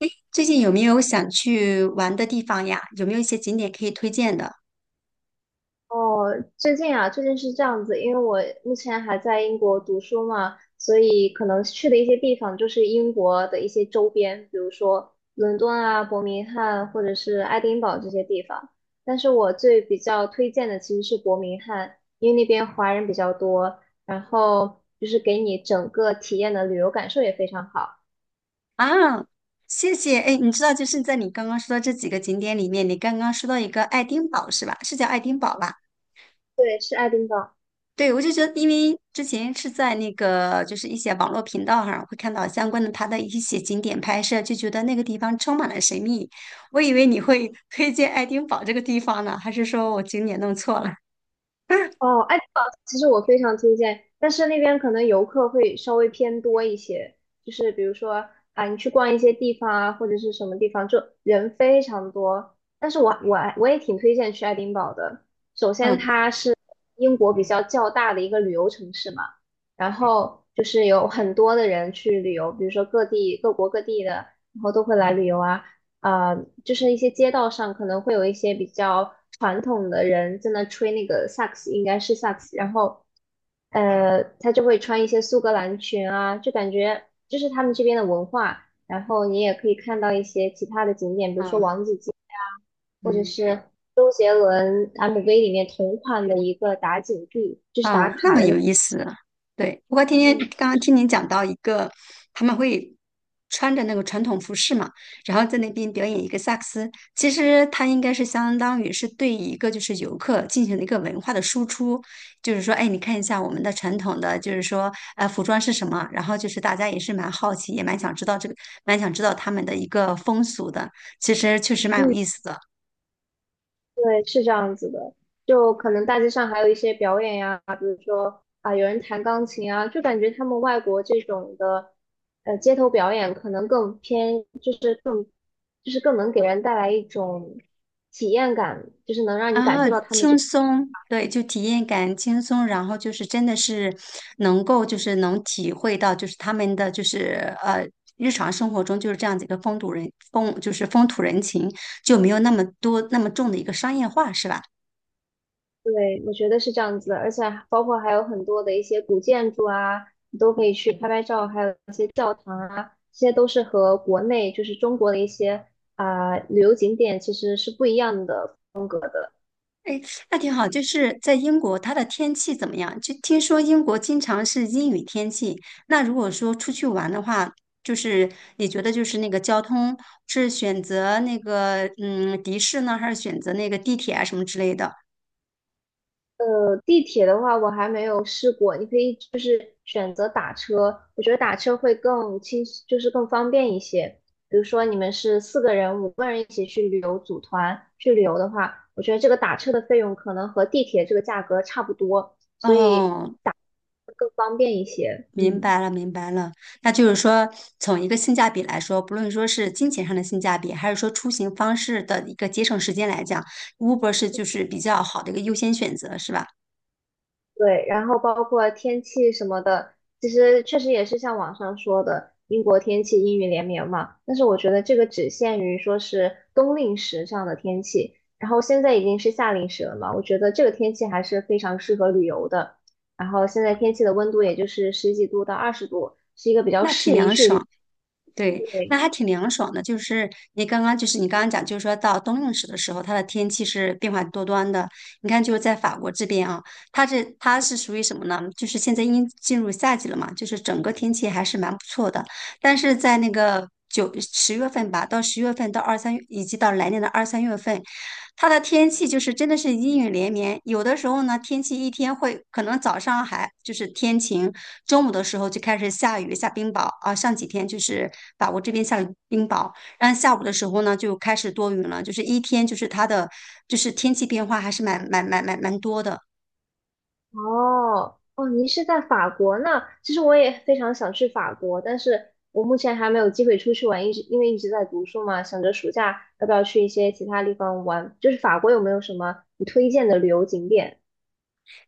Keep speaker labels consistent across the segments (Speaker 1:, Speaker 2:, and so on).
Speaker 1: 诶，最近有没有想去玩的地方呀？有没有一些景点可以推荐的
Speaker 2: 哦，最近啊，最近是这样子，因为我目前还在英国读书嘛，所以可能去的一些地方就是英国的一些周边，比如说伦敦啊、伯明翰或者是爱丁堡这些地方。但是我最比较推荐的其实是伯明翰，因为那边华人比较多，然后就是给你整个体验的旅游感受也非常好。
Speaker 1: 啊？谢谢。哎，你知道，就是在你刚刚说的这几个景点里面，你刚刚说到一个爱丁堡是吧？是叫爱丁堡吧？
Speaker 2: 对，是爱丁堡。
Speaker 1: 对，我就觉得，因为之前是在那个就是一些网络频道上会看到相关的它的一些景点拍摄，就觉得那个地方充满了神秘。我以为你会推荐爱丁堡这个地方呢，还是说我景点弄错了？
Speaker 2: 哦，爱丁堡其实我非常推荐，但是那边可能游客会稍微偏多一些，就是比如说啊，你去逛一些地方啊，或者是什么地方，就人非常多。但是我也挺推荐去爱丁堡的。首先，
Speaker 1: 嗯
Speaker 2: 它是英国比较较大的一个旅游城市嘛，然后就是有很多的人去旅游，比如说各地各国各地的，然后都会来旅游啊。就是一些街道上可能会有一些比较传统的人在那吹那个萨克斯，应该是萨克斯，然后他就会穿一些苏格兰裙啊，就感觉这是他们这边的文化。然后你也可以看到一些其他的景点，比如说王
Speaker 1: 嗯
Speaker 2: 子街啊，或者
Speaker 1: 嗯。
Speaker 2: 是杰伦 MV 里面同款的一个打井地，就是
Speaker 1: 啊，
Speaker 2: 打
Speaker 1: 那
Speaker 2: 卡
Speaker 1: 么
Speaker 2: 的那
Speaker 1: 有
Speaker 2: 个。
Speaker 1: 意思啊。对，不过今天
Speaker 2: 嗯，
Speaker 1: 刚刚听您讲到一个，他们会穿着那个传统服饰嘛，然后在那边表演一个萨克斯。其实它应该是相当于是对一个就是游客进行了一个文化的输出，就是说，哎，你看一下我们的传统的，就是说，服装是什么？然后就是大家也是蛮好奇，也蛮想知道这个，蛮想知道他们的一个风俗的。其实确实蛮有
Speaker 2: 嗯，
Speaker 1: 意思的。
Speaker 2: 对，是这样子的，就可能大街上还有一些表演呀，比如说啊，有人弹钢琴啊，就感觉他们外国这种的，街头表演可能更偏，就是更，就是更能给人带来一种体验感，就是能让你感
Speaker 1: 啊，
Speaker 2: 受到他们
Speaker 1: 轻
Speaker 2: 这
Speaker 1: 松，对，就体验感轻松，然后就是真的是能够就是能体会到就是他们的就是日常生活中就是这样子一个风土人情，就没有那么多那么重的一个商业化，是吧？
Speaker 2: 对，我觉得是这样子的，而且包括还有很多的一些古建筑啊，你都可以去拍拍照，还有一些教堂啊，这些都是和国内就是中国的一些啊、旅游景点其实是不一样的
Speaker 1: 哎，那挺好。就是在英国，它的天气怎么样？就听说英国经常是阴雨天气。那如果说出去玩的话，就是你觉得就是那个交通是选择那个的士呢，还是选择那个地铁啊什么之类的？
Speaker 2: 地铁的话我还没有试过，你可以就是选择打车，我觉得打车会更轻，就是更方便一些。比如说你们是四个人、五个人一起去旅游，组团去旅游的话，我觉得这个打车的费用可能和地铁这个价格差不多，所以
Speaker 1: 哦，
Speaker 2: 会更方便一些。
Speaker 1: 明
Speaker 2: 嗯。
Speaker 1: 白了，明白了。那就是说，从一个性价比来说，不论说是金钱上的性价比，还是说出行方式的一个节省时间来讲，Uber 是就是比较好的一个优先选择，是吧？
Speaker 2: 对，然后包括天气什么的，其实确实也是像网上说的，英国天气阴雨连绵嘛。但是我觉得这个只限于说是冬令时这样的天气，然后现在已经是夏令时了嘛，我觉得这个天气还是非常适合旅游的。然后现在天气的温度也就是十几度到二十度，是一个比较
Speaker 1: 那挺
Speaker 2: 适宜
Speaker 1: 凉
Speaker 2: 去旅。游。
Speaker 1: 爽。对，那还挺凉爽的。就是你刚刚，就是你刚刚讲，就是说到冬令时的时候，它的天气是变化多端的。你看，就是在法国这边啊，它是属于什么呢？就是现在已经进入夏季了嘛，就是整个天气还是蛮不错的。但是在那个9-10月份吧，到十月份到二三月，以及到来年的2-3月份，它的天气就是真的是阴雨连绵。有的时候呢，天气一天会可能早上还就是天晴，中午的时候就开始下雨下冰雹啊。上几天就是法国这边下了冰雹，然后下午的时候呢就开始多云了，就是一天就是它的就是天气变化还是蛮多的。
Speaker 2: 哦，哦，您是在法国那？其实我也非常想去法国，但是我目前还没有机会出去玩，一直因为一直在读书嘛，想着暑假要不要去一些其他地方玩。就是法国有没有什么你推荐的旅游景点？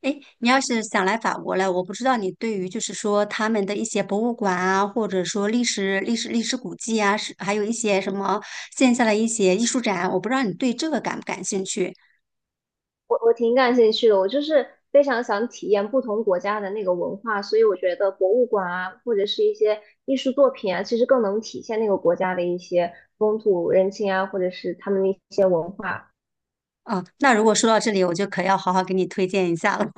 Speaker 1: 哎，诶你要是想来法国了，我不知道你对于就是说他们的一些博物馆啊，或者说历史古迹啊，是还有一些什么线下的一些艺术展，我不知道你对这个感不感兴趣
Speaker 2: 我挺感兴趣的，我就是非常想体验不同国家的那个文化，所以我觉得博物馆啊，或者是一些艺术作品啊，其实更能体现那个国家的一些风土人情啊，或者是他们的一些文化。
Speaker 1: 啊？那如果说到这里，我就可要好好给你推荐一下了。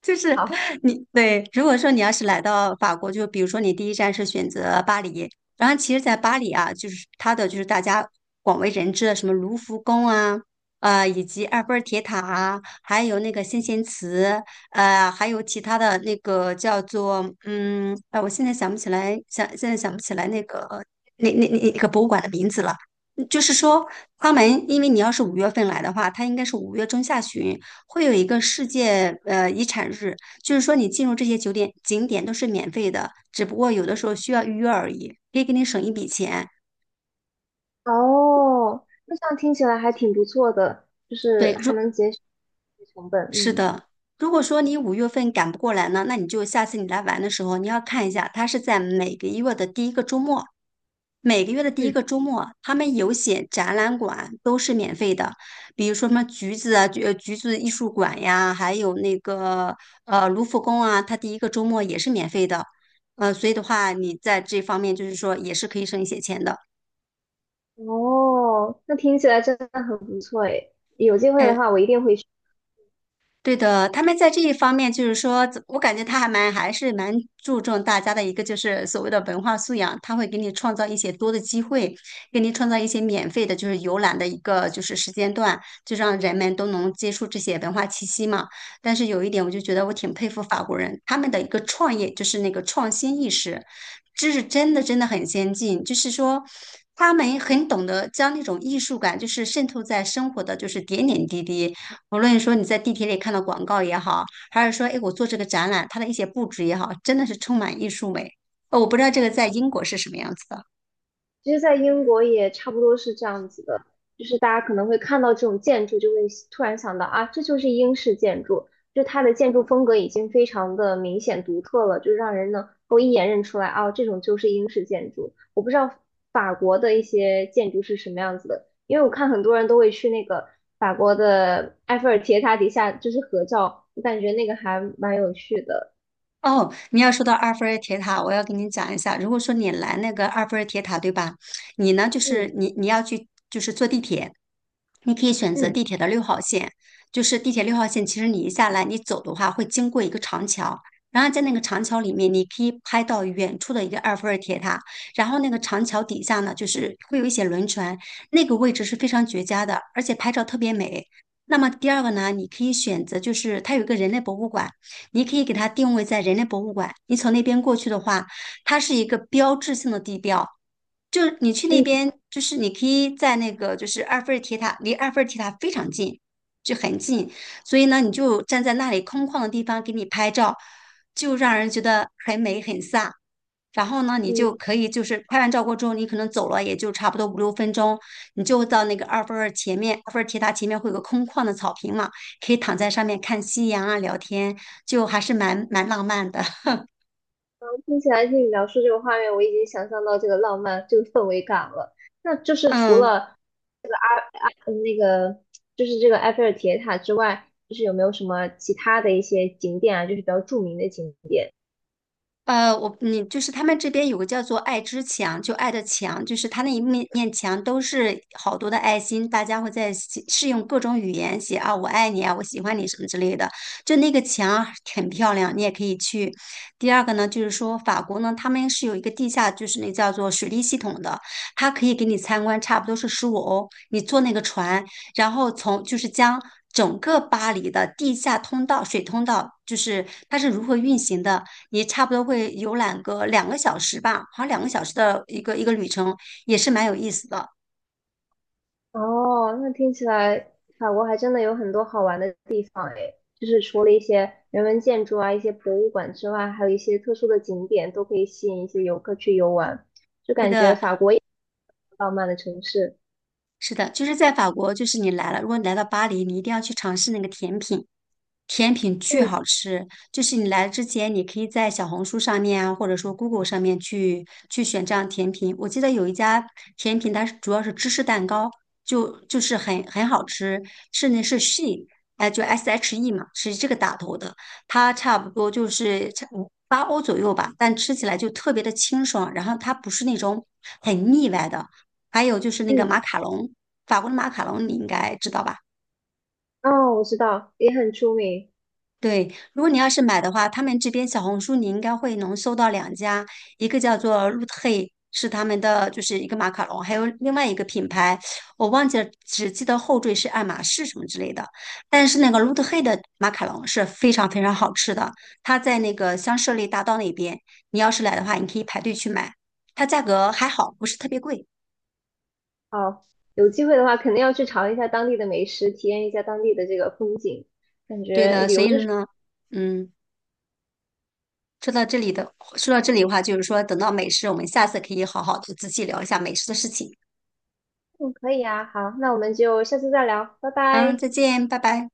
Speaker 1: 就是
Speaker 2: 好。
Speaker 1: 你对，如果说你要是来到法国，就比如说你第一站是选择巴黎，然后其实，在巴黎啊，就是它的就是大家广为人知的什么卢浮宫啊，以及埃菲尔铁塔啊，还有那个先贤祠，还有其他的那个叫做哎、我现在想不起来，想现在想不起来那个博物馆的名字了。嗯就是说，他们因为你要是五月份来的话，它应该是五月中下旬。会有一个世界遗产日，就是说你进入这些酒店景点都是免费的，只不过有的时候需要预约而已，可以给你省一笔钱。
Speaker 2: 哦，那这样听起来还挺不错的，就是
Speaker 1: 对，
Speaker 2: 还能节省成本，
Speaker 1: 是
Speaker 2: 嗯。
Speaker 1: 的，如果说你五月份赶不过来呢，那你就下次你来玩的时候，你要看一下，它是在每个月的第一个周末，每个月的第一
Speaker 2: 嗯，
Speaker 1: 个周末，他们有写展览馆都是免费的，比如说什么橘子啊，橘子艺术馆呀，还有那个卢浮宫啊，它第一个周末也是免费的，所以的话，你在这方面就是说也是可以省一些钱的。
Speaker 2: 哦，那听起来真的很不错诶，有机会的
Speaker 1: 哎，
Speaker 2: 话我一定会。去。
Speaker 1: 对的，他们在这一方面，就是说，我感觉他还是蛮注重大家的一个就是所谓的文化素养，他会给你创造一些多的机会，给你创造一些免费的，就是游览的一个就是时间段，就让人们都能接触这些文化气息嘛。但是有一点，我就觉得我挺佩服法国人，他们的一个创业就是那个创新意识，这是真的真的很先进，就是说。他们很懂得将那种艺术感，就是渗透在生活的，就是点点滴滴，无论说你在地铁里看到广告也好，还是说，哎，我做这个展览，它的一些布置也好，真的是充满艺术美。我不知道这个在英国是什么样子的。
Speaker 2: 其实，在英国也差不多是这样子的，就是大家可能会看到这种建筑，就会突然想到啊，这就是英式建筑，就它的建筑风格已经非常的明显独特了，就让人能够一眼认出来啊，这种就是英式建筑。我不知道法国的一些建筑是什么样子的，因为我看很多人都会去那个法国的埃菲尔铁塔底下就是合照，我感觉那个还蛮有趣的。
Speaker 1: 哦，你要说到埃菲尔铁塔，我要跟你讲一下。如果说你来那个埃菲尔铁塔，对吧？你呢，就
Speaker 2: 嗯
Speaker 1: 是你要去，就是坐地铁，你可以选择
Speaker 2: 嗯
Speaker 1: 地铁的六号线，就是地铁六号线。其实你一下来，你走的话会经过一个长桥，然后在那个长桥里面，你可以拍到远处的一个埃菲尔铁塔。然后那个长桥底下呢，就是会有一些轮船，那个位置是非常绝佳的，而且拍照特别美。那么第二个呢，你可以选择就是它有一个人类博物馆。你可以给它定位在人类博物馆。你从那边过去的话，它是一个标志性的地标。就是你去那
Speaker 2: 嗯
Speaker 1: 边，就是你可以在那个就是埃菲尔铁塔，离埃菲尔铁塔非常近，就很近。所以呢，你就站在那里空旷的地方给你拍照，就让人觉得很美很飒。然后呢，你就
Speaker 2: 嗯。
Speaker 1: 可以就是拍完照过之后，你可能走了也就差不多5-6分钟，你就到那个埃菲尔前面，埃菲尔铁塔前面会有个空旷的草坪嘛，可以躺在上面看夕阳啊，聊天，就还是蛮浪漫的。
Speaker 2: 听起来听你描述这个画面，我已经想象到这个浪漫、这个氛围感了。那就是除
Speaker 1: 嗯，
Speaker 2: 了嗯那个，就是这个埃菲尔铁塔之外，就是有没有什么其他的一些景点啊，就是比较著名的景点？
Speaker 1: 你就是他们这边有个叫做“爱之墙”，就爱的墙，就是他那一面面墙都是好多的爱心，大家会在写是用各种语言写啊，我爱你啊，我喜欢你什么之类的。就那个墙很漂亮，你也可以去。第二个呢，就是说法国呢，他们是有一个地下，就是那叫做水利系统的，它可以给你参观，差不多是15欧，你坐那个船，然后从就是将整个巴黎的地下通道、水通道，就是它是如何运行的。你差不多会游览个两个小时吧，好像两个小时的一个旅程，也是蛮有意思的。
Speaker 2: 哦，那听起来法国还真的有很多好玩的地方诶，就是除了一些人文建筑啊、一些博物馆之外，还有一些特殊的景点都可以吸引一些游客去游玩，就
Speaker 1: 对
Speaker 2: 感觉
Speaker 1: 的，
Speaker 2: 法国也是一个浪漫的城市。
Speaker 1: 是的，就是在法国，就是你来了，如果你来到巴黎，你一定要去尝试那个甜品，甜品巨
Speaker 2: 嗯
Speaker 1: 好吃，就是你来之前，你可以在小红书上面啊，或者说 Google 上面去选这样甜品。我记得有一家甜品，它是主要是芝士蛋糕，就是很好吃，是 She，哎，就 SHE 嘛，是这个打头的，它差不多就是差5-8欧左右吧，但吃起来就特别的清爽，然后它不是那种很腻歪的。还有就是那个
Speaker 2: 嗯，
Speaker 1: 马卡龙，法国的马卡龙你应该知道吧？
Speaker 2: 哦，我知道，也很出名。
Speaker 1: 对，如果你要是买的话，他们这边小红书你应该会能搜到2家，一个叫做 Root h 露特，是他们的就是一个马卡龙，还有另外一个品牌，我忘记了，只记得后缀是爱马仕什么之类的。但是那个 Root h 露特的马卡龙是非常非常好吃的，它在那个香榭丽大道那边，你要是来的话，你可以排队去买，它价格还好，不是特别贵。
Speaker 2: 好，有机会的话，肯定要去尝一下当地的美食，体验一下当地的这个风景，感
Speaker 1: 对
Speaker 2: 觉
Speaker 1: 的，
Speaker 2: 旅
Speaker 1: 所
Speaker 2: 游
Speaker 1: 以
Speaker 2: 就是
Speaker 1: 呢，嗯。说到这里的话，就是说，等到美食，我们下次可以好好的仔细聊一下美食的事情。
Speaker 2: 嗯，可以啊。好，那我们就下次再聊，拜
Speaker 1: 嗯，
Speaker 2: 拜。
Speaker 1: 再见，拜拜。